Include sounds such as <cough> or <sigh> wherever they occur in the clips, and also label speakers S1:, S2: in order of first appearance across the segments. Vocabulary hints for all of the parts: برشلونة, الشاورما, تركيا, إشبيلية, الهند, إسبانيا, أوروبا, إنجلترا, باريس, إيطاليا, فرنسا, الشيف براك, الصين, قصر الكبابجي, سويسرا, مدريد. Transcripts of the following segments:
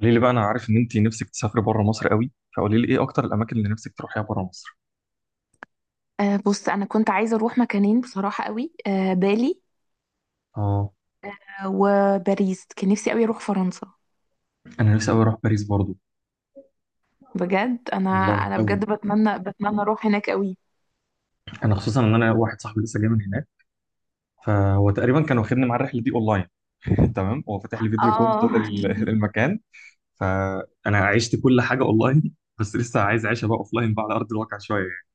S1: قولي لي بقى، انا عارف ان انت نفسك تسافري بره مصر قوي. فقولي لي ايه اكتر الاماكن اللي نفسك تروحيها بره مصر.
S2: آه، بص انا كنت عايزه اروح مكانين بصراحه قوي. آه، بالي.
S1: اه.
S2: آه، وباريس كان نفسي قوي اروح فرنسا.
S1: انا نفسي قوي اروح باريس برضو.
S2: بجد انا
S1: والله
S2: انا
S1: قوي.
S2: بجد بتمنى بتمنى اروح هناك قوي.
S1: انا خصوصا ان انا واحد صاحبي لسه جاي من هناك، فهو تقريبا كان واخدني مع الرحله دي اونلاين. <laughs> تمام، هو فاتح لي فيديو كول
S2: اه.
S1: طول
S2: <laughs>
S1: <laughs> المكان. فانا عشت كل حاجه اونلاين بس لسه عايز اعيشها بقى اوفلاين بقى، على ارض الواقع شويه يعني.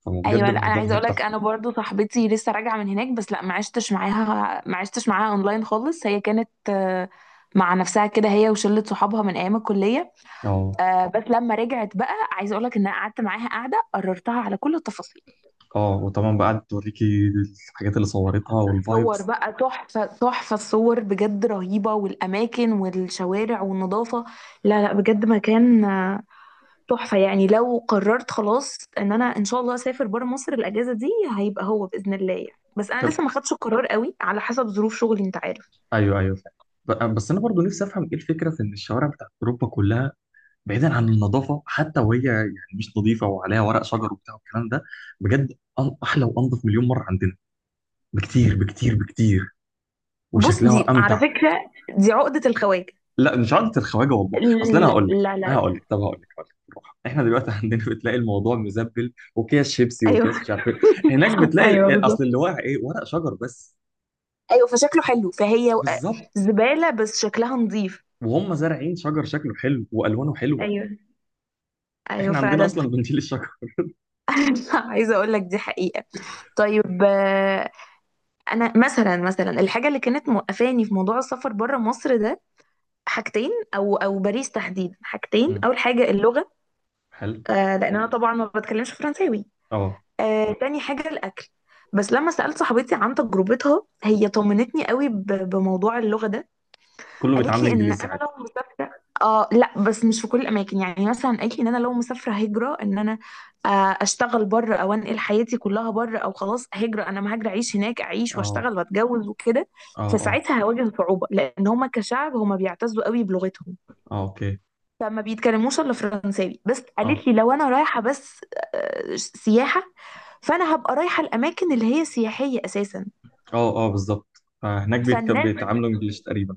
S1: فبجد
S2: ايوه، لا انا
S1: الموضوع
S2: عايزه
S1: هناك
S2: اقول لك
S1: تحفه.
S2: انا برضو صاحبتي لسه راجعه من هناك، بس لا ما عشتش معاها، ما عشتش معاها اونلاين خالص. هي كانت مع نفسها كده، هي وشله صحابها من ايام الكليه.
S1: اه.
S2: بس لما رجعت بقى عايزه اقول لك ان انا قعدت معاها قاعده قررتها على كل التفاصيل.
S1: اه وطبعا بقى قعدت توريكي الحاجات اللي صورتها
S2: صور
S1: والفايبس.
S2: بقى، تحفة تحفة الصور بجد، رهيبة والأماكن والشوارع والنظافة. لا لا بجد مكان تحفة يعني. لو قررت خلاص إن أنا إن شاء الله أسافر برا مصر الأجازة دي، هيبقى هو بإذن الله يعني. بس أنا لسه ما خدتش القرار قوي على حسب ظروف شغلي، أنت عارف.
S1: ايوه، ايوه فعلا. بس انا برضو نفسي افهم ايه الفكره في ان الشوارع بتاعت اوروبا كلها، بعيدا عن النظافه حتى، وهي يعني مش نظيفه وعليها ورق شجر وبتاع والكلام ده. بجد احلى وانظف مليون مره عندنا، بكتير بكتير بكتير،
S2: بص،
S1: وشكلها
S2: دي على
S1: امتع.
S2: فكرة دي عقدة الخواجة.
S1: لا، مش عادة الخواجه، والله اصل انا
S2: لا
S1: هقول لك.
S2: لا لا لا.
S1: هقول لك بالراحه. احنا دلوقتي <laughs> عندنا بتلاقي الموضوع مزبل، وكيس شيبسي
S2: أيوه،
S1: وكيس مش عارف ايه. هناك
S2: <laughs>
S1: بتلاقي
S2: أيوه
S1: اصل
S2: بالظبط.
S1: اللي واقع ايه؟ ورق شجر بس.
S2: أيوه فشكله حلو، فهي
S1: بالظبط.
S2: زبالة بس شكلها نظيف.
S1: وهم زارعين شجر شكله حلو والوانه حلوه.
S2: ايوه. ايوه
S1: احنا عندنا
S2: فعلا.
S1: اصلا بنشيل الشجر.
S2: <laughs> عايزه اقول لك، دي حقيقه. طيب. انا مثلا، مثلا الحاجه اللي كانت موقفاني في موضوع السفر بره مصر ده حاجتين، او باريس تحديدا حاجتين.
S1: مم.
S2: اول حاجه اللغه.
S1: حلو.
S2: آه، لان انا طبعا ما بتكلمش فرنساوي.
S1: اه،
S2: آه، تاني حاجه الاكل. بس لما سالت صاحبتي عن تجربتها، هي طمنتني قوي بموضوع اللغه ده.
S1: كله
S2: قالت
S1: بيتعامل
S2: لي ان
S1: انجليزي
S2: انا
S1: عادي.
S2: لو مسافره، اه لا، بس مش في كل الاماكن. يعني مثلا قالت لي ان انا لو مسافره هجره، ان انا آه، اشتغل بره او انقل حياتي كلها بره، او خلاص هجره، انا ما هاجر، اعيش هناك اعيش
S1: اه،
S2: واشتغل واتجوز وكده.
S1: اه. اه،
S2: فساعتها هواجه صعوبه، لان هما كشعب هما بيعتزوا قوي بلغتهم،
S1: اه، اوكي.
S2: فما بيتكلموش الا فرنساوي. بس
S1: اه،
S2: قالت لي لو انا رايحه بس سياحه، فانا هبقى رايحه الاماكن اللي هي سياحيه اساسا.
S1: اه، اه بالظبط. فهناك
S2: فالناس،
S1: بيتعاملوا انجليش تقريبا.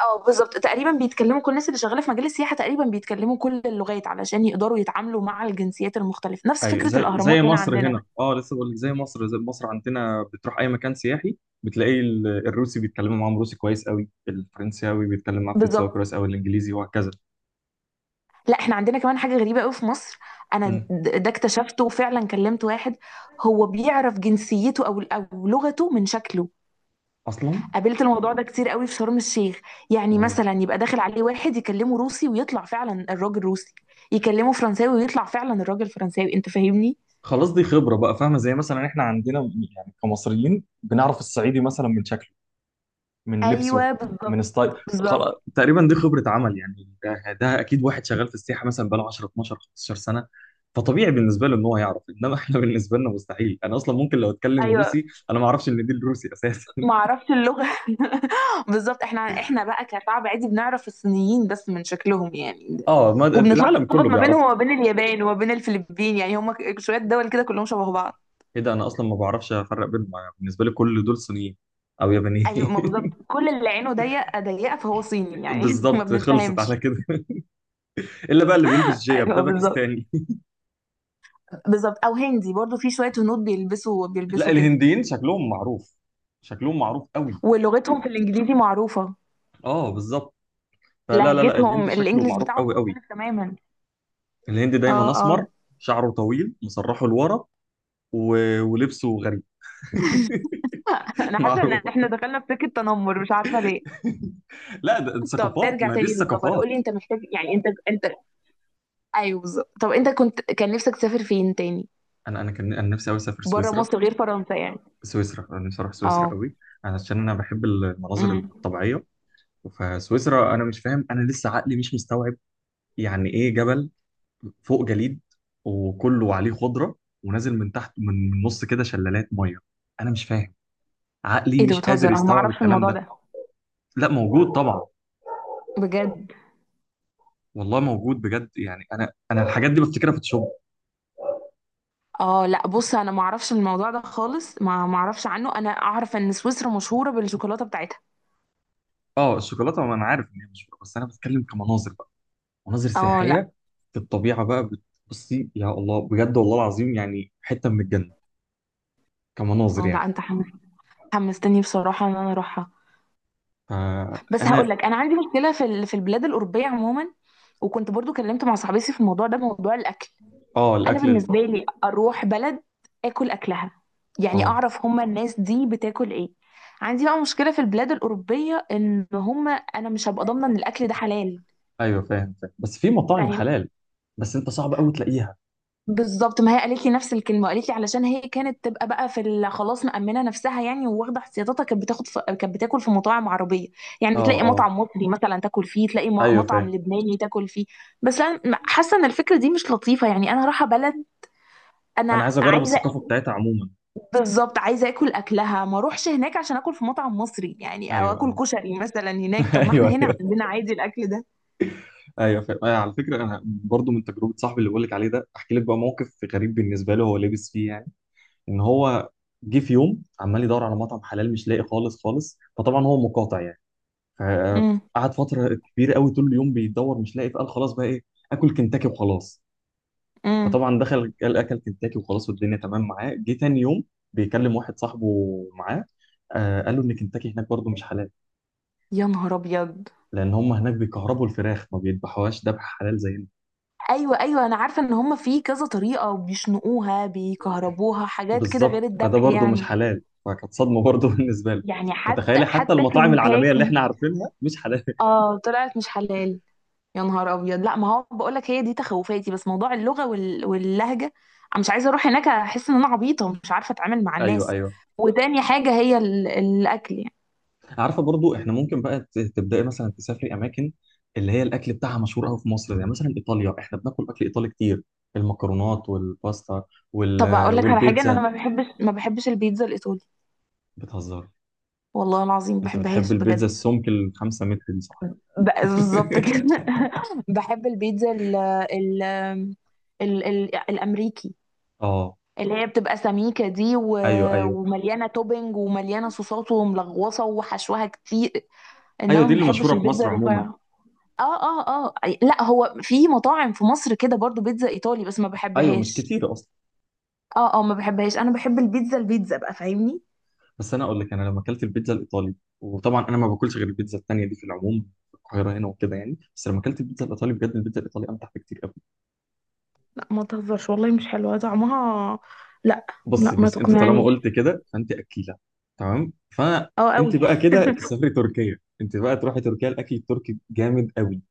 S2: اه بالظبط، تقريبا بيتكلموا، كل الناس اللي شغاله في مجال السياحه تقريبا بيتكلموا كل اللغات علشان يقدروا يتعاملوا مع الجنسيات المختلفه، نفس
S1: ايوه،
S2: فكره
S1: زي زي
S2: الاهرامات هنا
S1: مصر
S2: عندنا.
S1: هنا، اه لسه بقول لك زي مصر، زي مصر. عندنا بتروح اي مكان سياحي بتلاقي الروسي بيتكلموا معاهم روسي كويس قوي، الفرنساوي بيتكلم معاه فرنساوي
S2: بالظبط.
S1: كويس قوي، الانجليزي، وهكذا.
S2: لا احنا عندنا كمان حاجه غريبه قوي في مصر. انا
S1: مم.
S2: ده اكتشفته، وفعلا كلمت واحد. هو بيعرف جنسيته او لغته من شكله.
S1: اصلا.
S2: قابلت الموضوع ده كتير قوي في شرم الشيخ. يعني
S1: واو.
S2: مثلا يبقى داخل عليه واحد يكلمه روسي، ويطلع فعلا الراجل روسي. يكلمه فرنساوي ويطلع فعلا الراجل فرنساوي، انت فاهمني؟
S1: خلاص، دي خبره بقى. فاهمه؟ زي مثلا احنا عندنا، يعني كمصريين بنعرف الصعيدي مثلا من شكله، من لبسه،
S2: ايوه
S1: من
S2: بالظبط.
S1: ستايل.
S2: بالظبط،
S1: خلاص، تقريبا دي خبره عمل يعني. ده اكيد واحد شغال في السياحه مثلا، بقاله 10 12 15 سنه. فطبيعي بالنسبه له ان هو يعرف. انما احنا <laughs> بالنسبه لنا مستحيل. انا اصلا ممكن لو اتكلم
S2: ايوه
S1: روسي انا ما اعرفش ان دي الروسي اساسا. <laughs>
S2: ما عرفت اللغة. <laughs> بالظبط، احنا بقى كشعب عادي بنعرف الصينيين بس من شكلهم يعني.
S1: اه، ما العالم
S2: وبنتلخبط
S1: كله
S2: ما
S1: بيعرفه.
S2: بينهم وما بين اليابان وما بين الفلبين، يعني هما شوية دول كده كلهم شبه بعض.
S1: ايه ده، انا اصلا ما بعرفش افرق بينهم. أنا بالنسبه لي كل دول صينيين او يابانيين.
S2: ايوه ما بالظبط، كل اللي عينه ضيقة ضيقة فهو صيني
S1: <laughs>
S2: يعني، <laughs> ما
S1: بالظبط، خلصت على
S2: بنتفهمش.
S1: كده. <laughs> الا بقى اللي بيلبس جيب
S2: ايوه
S1: ده
S2: بالظبط.
S1: باكستاني.
S2: بالظبط، او هندي برضو، في شوية هنود بيلبسوا
S1: <laughs> لا،
S2: بيلبسوا كده.
S1: الهنديين شكلهم معروف، شكلهم معروف قوي.
S2: ولغتهم في الانجليزي معروفة.
S1: اه بالظبط. فلا لا لا، الهند
S2: لهجتهم
S1: شكله
S2: الانجليش
S1: معروف
S2: بتاعهم
S1: قوي قوي.
S2: مختلف تماما.
S1: الهند
S2: اه
S1: دايما اسمر،
S2: اه.
S1: شعره طويل مسرحه لورا، و... ولبسه غريب.
S2: <laughs>
S1: <laughs>
S2: انا حاسة ان
S1: معروف.
S2: احنا دخلنا في سكة تنمر، مش عارفة ليه.
S1: لا، ده
S2: طب
S1: ثقافات،
S2: نرجع
S1: ما دي
S2: تاني للسفر.
S1: الثقافات.
S2: قولي، انت محتاج يعني، انت ايوه بالظبط. طب انت كنت، كان نفسك تسافر فين تاني
S1: انا كان انا نفسي قوي اسافر
S2: بره
S1: سويسرا.
S2: مصر غير فرنسا يعني؟
S1: سويسرا، انا نفسي اروح سويسرا
S2: اه.
S1: قوي، عشان انا بحب المناظر
S2: امم.
S1: الطبيعيه. فسويسرا، انا مش فاهم، انا لسه عقلي مش مستوعب يعني ايه جبل فوق جليد وكله عليه خضره، ونازل من تحت، من نص كده شلالات ميه. انا مش فاهم، عقلي
S2: ايه ده
S1: مش
S2: بتهزر؟
S1: قادر
S2: انا ما
S1: يستوعب
S2: اعرفش
S1: الكلام
S2: الموضوع
S1: ده.
S2: ده،
S1: لا، موجود طبعا.
S2: بجد؟
S1: والله موجود بجد يعني. انا الحاجات دي بفتكرها في الشغل.
S2: اه لا، بص انا ما اعرفش الموضوع ده خالص، ما اعرفش عنه. انا اعرف ان سويسرا مشهوره بالشوكولاته بتاعتها.
S1: اه الشوكولاته، ما انا عارف ان هي مش بس، انا بتكلم كمناظر بقى، مناظر
S2: اه لا.
S1: سياحيه. في الطبيعه بقى بتبصي يا الله، بجد والله العظيم يعني حته من الجنه، كمناظر
S2: اه لا،
S1: يعني.
S2: انت حمستني بصراحه ان انا اروحها. بس هقول
S1: فانا.
S2: لك انا عندي مشكله في في البلاد الاوروبيه عموما. وكنت برضو كلمت مع صاحبتي في الموضوع ده، موضوع الاكل.
S1: اه
S2: انا
S1: الاكل
S2: بالنسبه لي، اروح بلد اكل اكلها، يعني
S1: اه
S2: اعرف هما الناس دي بتاكل ايه. عندي بقى مشكله في البلاد الاوروبيه ان هما، انا مش هبقى ضامنه ان الاكل ده حلال،
S1: ايوه، فاهم. بس في مطاعم
S2: فاهمني؟
S1: حلال، بس انت صعب قوي تلاقيها.
S2: بالظبط. ما هي قالت لي نفس الكلمه، قالت لي علشان هي كانت تبقى بقى في خلاص مأمنه نفسها يعني وواخده احتياطاتها، كانت بتاخد في... كانت بتاكل في مطاعم عربيه. يعني
S1: اه
S2: تلاقي
S1: اه،
S2: مطعم مصري مثلا تاكل فيه، تلاقي
S1: ايوه فاهم.
S2: مطعم لبناني تاكل فيه. بس انا حاسه ان الفكره دي مش لطيفه يعني. انا رايحه بلد، انا
S1: انا عايز اجرب
S2: عايزه،
S1: الثقافه بتاعتها عموما.
S2: بالظبط عايزه اكل اكلها. ما اروحش هناك عشان اكل في مطعم مصري يعني، او
S1: ايوه،
S2: اكل
S1: ايوه،
S2: كشري مثلا هناك،
S1: <laughs>
S2: طب ما
S1: ايوه،
S2: احنا هنا
S1: ايوه،
S2: عندنا عادي الاكل ده.
S1: ايوه فاهم. أيوة، على فكره انا برضو من تجربه صاحبي اللي بقول لك عليه ده، احكي لك بقى موقف غريب بالنسبه له. هو لابس فيه يعني، ان هو جه في يوم عمال يدور على مطعم حلال مش لاقي خالص خالص. فطبعا هو مقاطع يعني.
S2: امم.
S1: فقعد فتره كبيره قوي طول اليوم بيدور مش لاقي. فقال خلاص بقى ايه؟ اكل كنتاكي وخلاص.
S2: امم.
S1: فطبعا دخل، قال اكل كنتاكي وخلاص، والدنيا تمام معاه. جه تاني يوم بيكلم واحد صاحبه معاه، آه، قال له ان كنتاكي هناك برضو مش حلال،
S2: يا نهار ابيض.
S1: لان هم هناك بيكهربوا الفراخ، ما بيذبحوهاش ذبح حلال زي.
S2: ايوه ايوه، انا عارفه ان هم في كذا طريقه، بيشنقوها، بيكهربوها، حاجات كده غير
S1: بالظبط. فده
S2: الذبح
S1: برضه مش
S2: يعني.
S1: حلال، فكانت صدمه برضه <laughs> بالنسبه لي.
S2: يعني حتى
S1: فتخيلي حتى
S2: حتى
S1: المطاعم العالميه اللي
S2: كنتاكي؟
S1: احنا عارفينها مش حلال. <laughs>
S2: اه طلعت مش حلال. يا نهار ابيض. لا ما هو بقول لك، هي دي تخوفاتي. بس موضوع اللغه وال... واللهجه، انا مش عايزه اروح هناك احس ان انا عبيطه مش عارفه اتعامل مع
S1: ايوه،
S2: الناس.
S1: ايوه.
S2: وتاني حاجه هي ال... الاكل يعني.
S1: عارفه برضه، احنا ممكن بقى تبداي مثلا تسافري اماكن اللي هي الاكل بتاعها مشهور قوي في مصر، زي مثلا ايطاليا. احنا بناكل اكل ايطالي كتير، المكرونات والباستا
S2: طب
S1: وال...
S2: اقول لك على حاجه، ان انا
S1: والبيتزا.
S2: ما بحبش، ما بحبش البيتزا الايطالي.
S1: بتهزر.
S2: والله العظيم ما
S1: انت بتحب
S2: بحبهاش
S1: البيتزا
S2: بجد.
S1: السمك الـ5 متر دي، صح؟
S2: ب... بالظبط كده.
S1: <laughs>
S2: <laughs> بحب البيتزا ال... ال... ال... ال... الامريكي،
S1: اه
S2: اللي هي بتبقى سميكه دي و...
S1: ايوه، ايوه.
S2: ومليانه توبينج ومليانه صوصات وملغوصه وحشوها كتير.
S1: ايوه
S2: انما
S1: دي
S2: ما
S1: اللي
S2: بحبش
S1: مشهوره في
S2: البيتزا
S1: مصر عموما.
S2: الرفيعه. اه اه اه. لا هو في مطاعم في مصر كده برضو بيتزا ايطالي، بس ما
S1: ايوه مش
S2: بحبهاش.
S1: كتير اصلا.
S2: اه اه، ما بحبهاش. انا بحب البيتزا، البيتزا بقى فاهمني.
S1: بس انا اقول لك، انا لما اكلت البيتزا الايطالي، وطبعا انا ما باكلش غير البيتزا التانيه دي في العموم في القاهره هنا وكده يعني، بس لما اكلت البيتزا الايطالي بجد البيتزا الايطالي امتع بكتير قوي.
S2: لا ما تهزرش، والله مش حلوه طعمها. لا. لا ما
S1: بص، انت طالما
S2: تقنعنيش.
S1: قلت كده فانت اكيله. تمام،
S2: اه
S1: فانت
S2: قوي.
S1: بقى كده تسافري تركيا. انت بقى تروحي تركيا، الاكل التركي جامد قوي.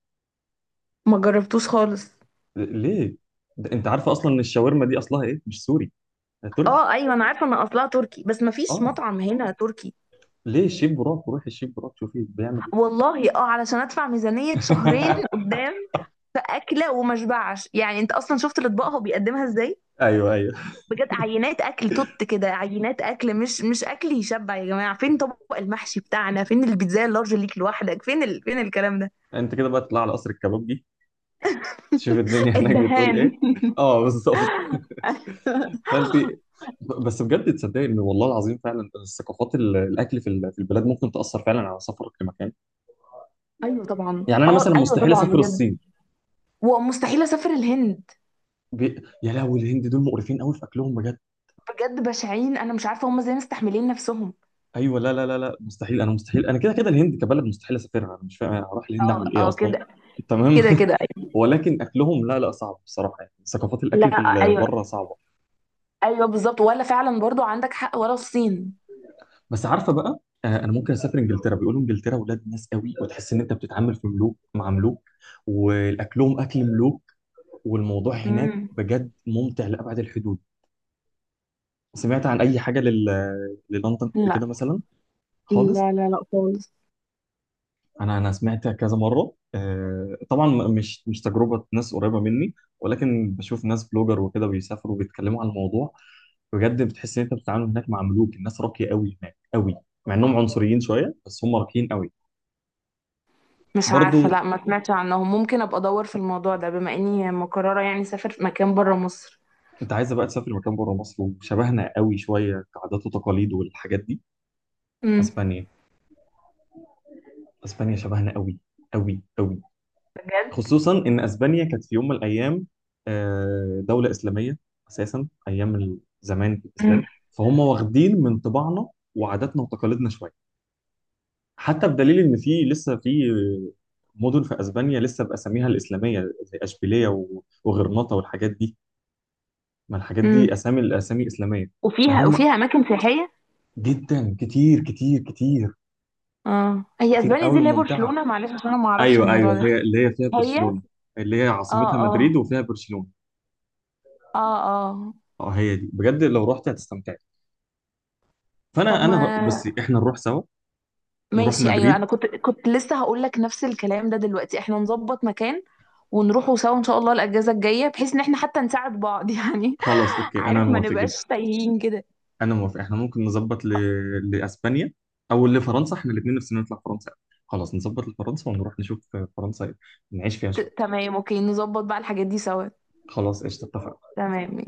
S2: ما جربتوش خالص.
S1: ليه؟ ده انت عارفه اصلا ان الشاورما دي اصلها ايه؟ مش سوري، ده تركي.
S2: اه ايوه، انا عارفه ان اصلها تركي، بس ما فيش
S1: اه
S2: مطعم هنا تركي.
S1: ليه، الشيف براك، روحي الشيف براك شوفي بيعمل ايه.
S2: والله اه، علشان ادفع ميزانيه شهرين
S1: <laughs>
S2: قدام في اكله وما اشبعش يعني. انت اصلا شفت الاطباق هو بيقدمها ازاي؟
S1: ايوه، ايوه.
S2: بجد عينات اكل توت كده، عينات اكل، مش مش اكل يشبع يا جماعه. فين طبق المحشي بتاعنا، فين البيتزا اللارج ليك لوحدك، فين ال... فين الكلام ده.
S1: انت كده بقى تطلع على قصر الكبابجي، شوف الدنيا <laughs> هناك بتقول
S2: الدهان.
S1: ايه. اه بالظبط. فانت،
S2: <laughs>
S1: بس بجد تصدق ان والله العظيم فعلا الثقافات الاكل في في البلاد ممكن تاثر فعلا على سفرك لمكان.
S2: ايوه طبعا.
S1: يعني انا
S2: اه
S1: مثلا
S2: ايوه
S1: مستحيل
S2: طبعا
S1: اسافر
S2: بجد.
S1: الصين.
S2: ومستحيل اسافر الهند.
S1: يا لهوي، الهند دول مقرفين قوي في اكلهم بجد.
S2: بجد بشعين، انا مش عارفه هم ازاي مستحملين نفسهم.
S1: ايوه، لا لا لا لا، مستحيل. انا مستحيل، انا كده كده الهند كبلد مستحيل اسافرها. انا مش فاهم اروح الهند
S2: اه
S1: اعمل ايه
S2: اه
S1: اصلا.
S2: كده
S1: تمام.
S2: كده
S1: <laughs>
S2: كده أيوة.
S1: ولكن اكلهم لا لا، صعب بصراحه يعني، ثقافات الاكل
S2: لا.
S1: في
S2: ايوه.
S1: بره صعبه.
S2: ايوه بالظبط، ولا فعلا برضو عندك حق، ولا الصين.
S1: بس عارفه بقى، انا ممكن اسافر انجلترا. بيقولوا انجلترا ولاد ناس قوي، وتحس ان انت بتتعامل في ملوك، مع ملوك، والاكلهم اكل ملوك، والموضوع هناك
S2: امم.
S1: بجد ممتع لابعد الحدود. سمعت عن اي حاجه للندن قبل
S2: لا
S1: كده مثلا؟ خالص.
S2: لا لا لا خالص.
S1: انا سمعت كذا مره، آه، طبعا مش تجربه ناس قريبه مني، ولكن بشوف ناس بلوجر وكده بيسافروا وبيتكلموا عن الموضوع. بجد بتحس ان انت بتتعامل هناك مع ملوك، الناس راقيه قوي هناك قوي، مع انهم عنصريين شويه بس هم راقيين قوي.
S2: مش عارفة،
S1: برضو،
S2: لا ما سمعتش عنهم، ممكن ابقى ادور في الموضوع ده بما اني مقررة يعني اسافر في مكان بره مصر.
S1: انت عايزه بقى تسافر مكان بره مصر وشبهنا قوي شويه كعادات وتقاليد والحاجات دي؟
S2: امم.
S1: اسبانيا. اسبانيا شبهنا قوي، قوي قوي.
S2: بجد.
S1: خصوصا ان اسبانيا كانت في يوم من الايام، دوله اسلاميه اساسا، ايام زمان في
S2: امم.
S1: الاسلام، فهم واخدين من طباعنا وعاداتنا وتقاليدنا شويه. حتى بدليل ان في لسه في مدن في اسبانيا لسه باساميها الاسلاميه، زي اشبيليه وغرناطه والحاجات دي. ما الحاجات
S2: امم.
S1: دي اسامي، الاسامي اسلاميه.
S2: وفيها،
S1: فهم
S2: وفيها اماكن سياحيه.
S1: جدا، كتير كتير كتير،
S2: اه هي
S1: كتير
S2: اسبانيا دي
S1: قوي
S2: اللي هي
S1: وممتعه.
S2: برشلونة، معلش عشان انا ما اعرفش
S1: ايوه
S2: الموضوع
S1: ايوه، هي
S2: ده.
S1: اللي هي فيها
S2: هي.
S1: برشلونه، اللي هي
S2: اه.
S1: عاصمتها مدريد
S2: اه.
S1: وفيها برشلونه.
S2: اه. اه.
S1: اه هي دي، بجد لو رحت هتستمتع. فانا،
S2: طب ما،
S1: بصي، احنا نروح سوا. نروح
S2: ماشي ايوه،
S1: مدريد.
S2: انا كنت كنت لسه هقول لك نفس الكلام ده دلوقتي، احنا نظبط مكان ونروحوا سوا ان شاء الله الاجازة الجاية، بحيث ان احنا حتى نساعد بعض <laughs> يعني.
S1: خلاص، اوكي، انا
S2: عارف ما
S1: موافق جدا.
S2: نبقاش تايهين كده.
S1: انا موافق، احنا ممكن نظبط لاسبانيا او لفرنسا. احنا الاثنين نفسنا نطلع فرنسا. خلاص نظبط لفرنسا ونروح نشوف فرنسا، نعيش فيها شويه.
S2: تمام اوكي، نظبط بقى الحاجات دي سوا.
S1: خلاص قشطه، اتفقنا.
S2: تمام.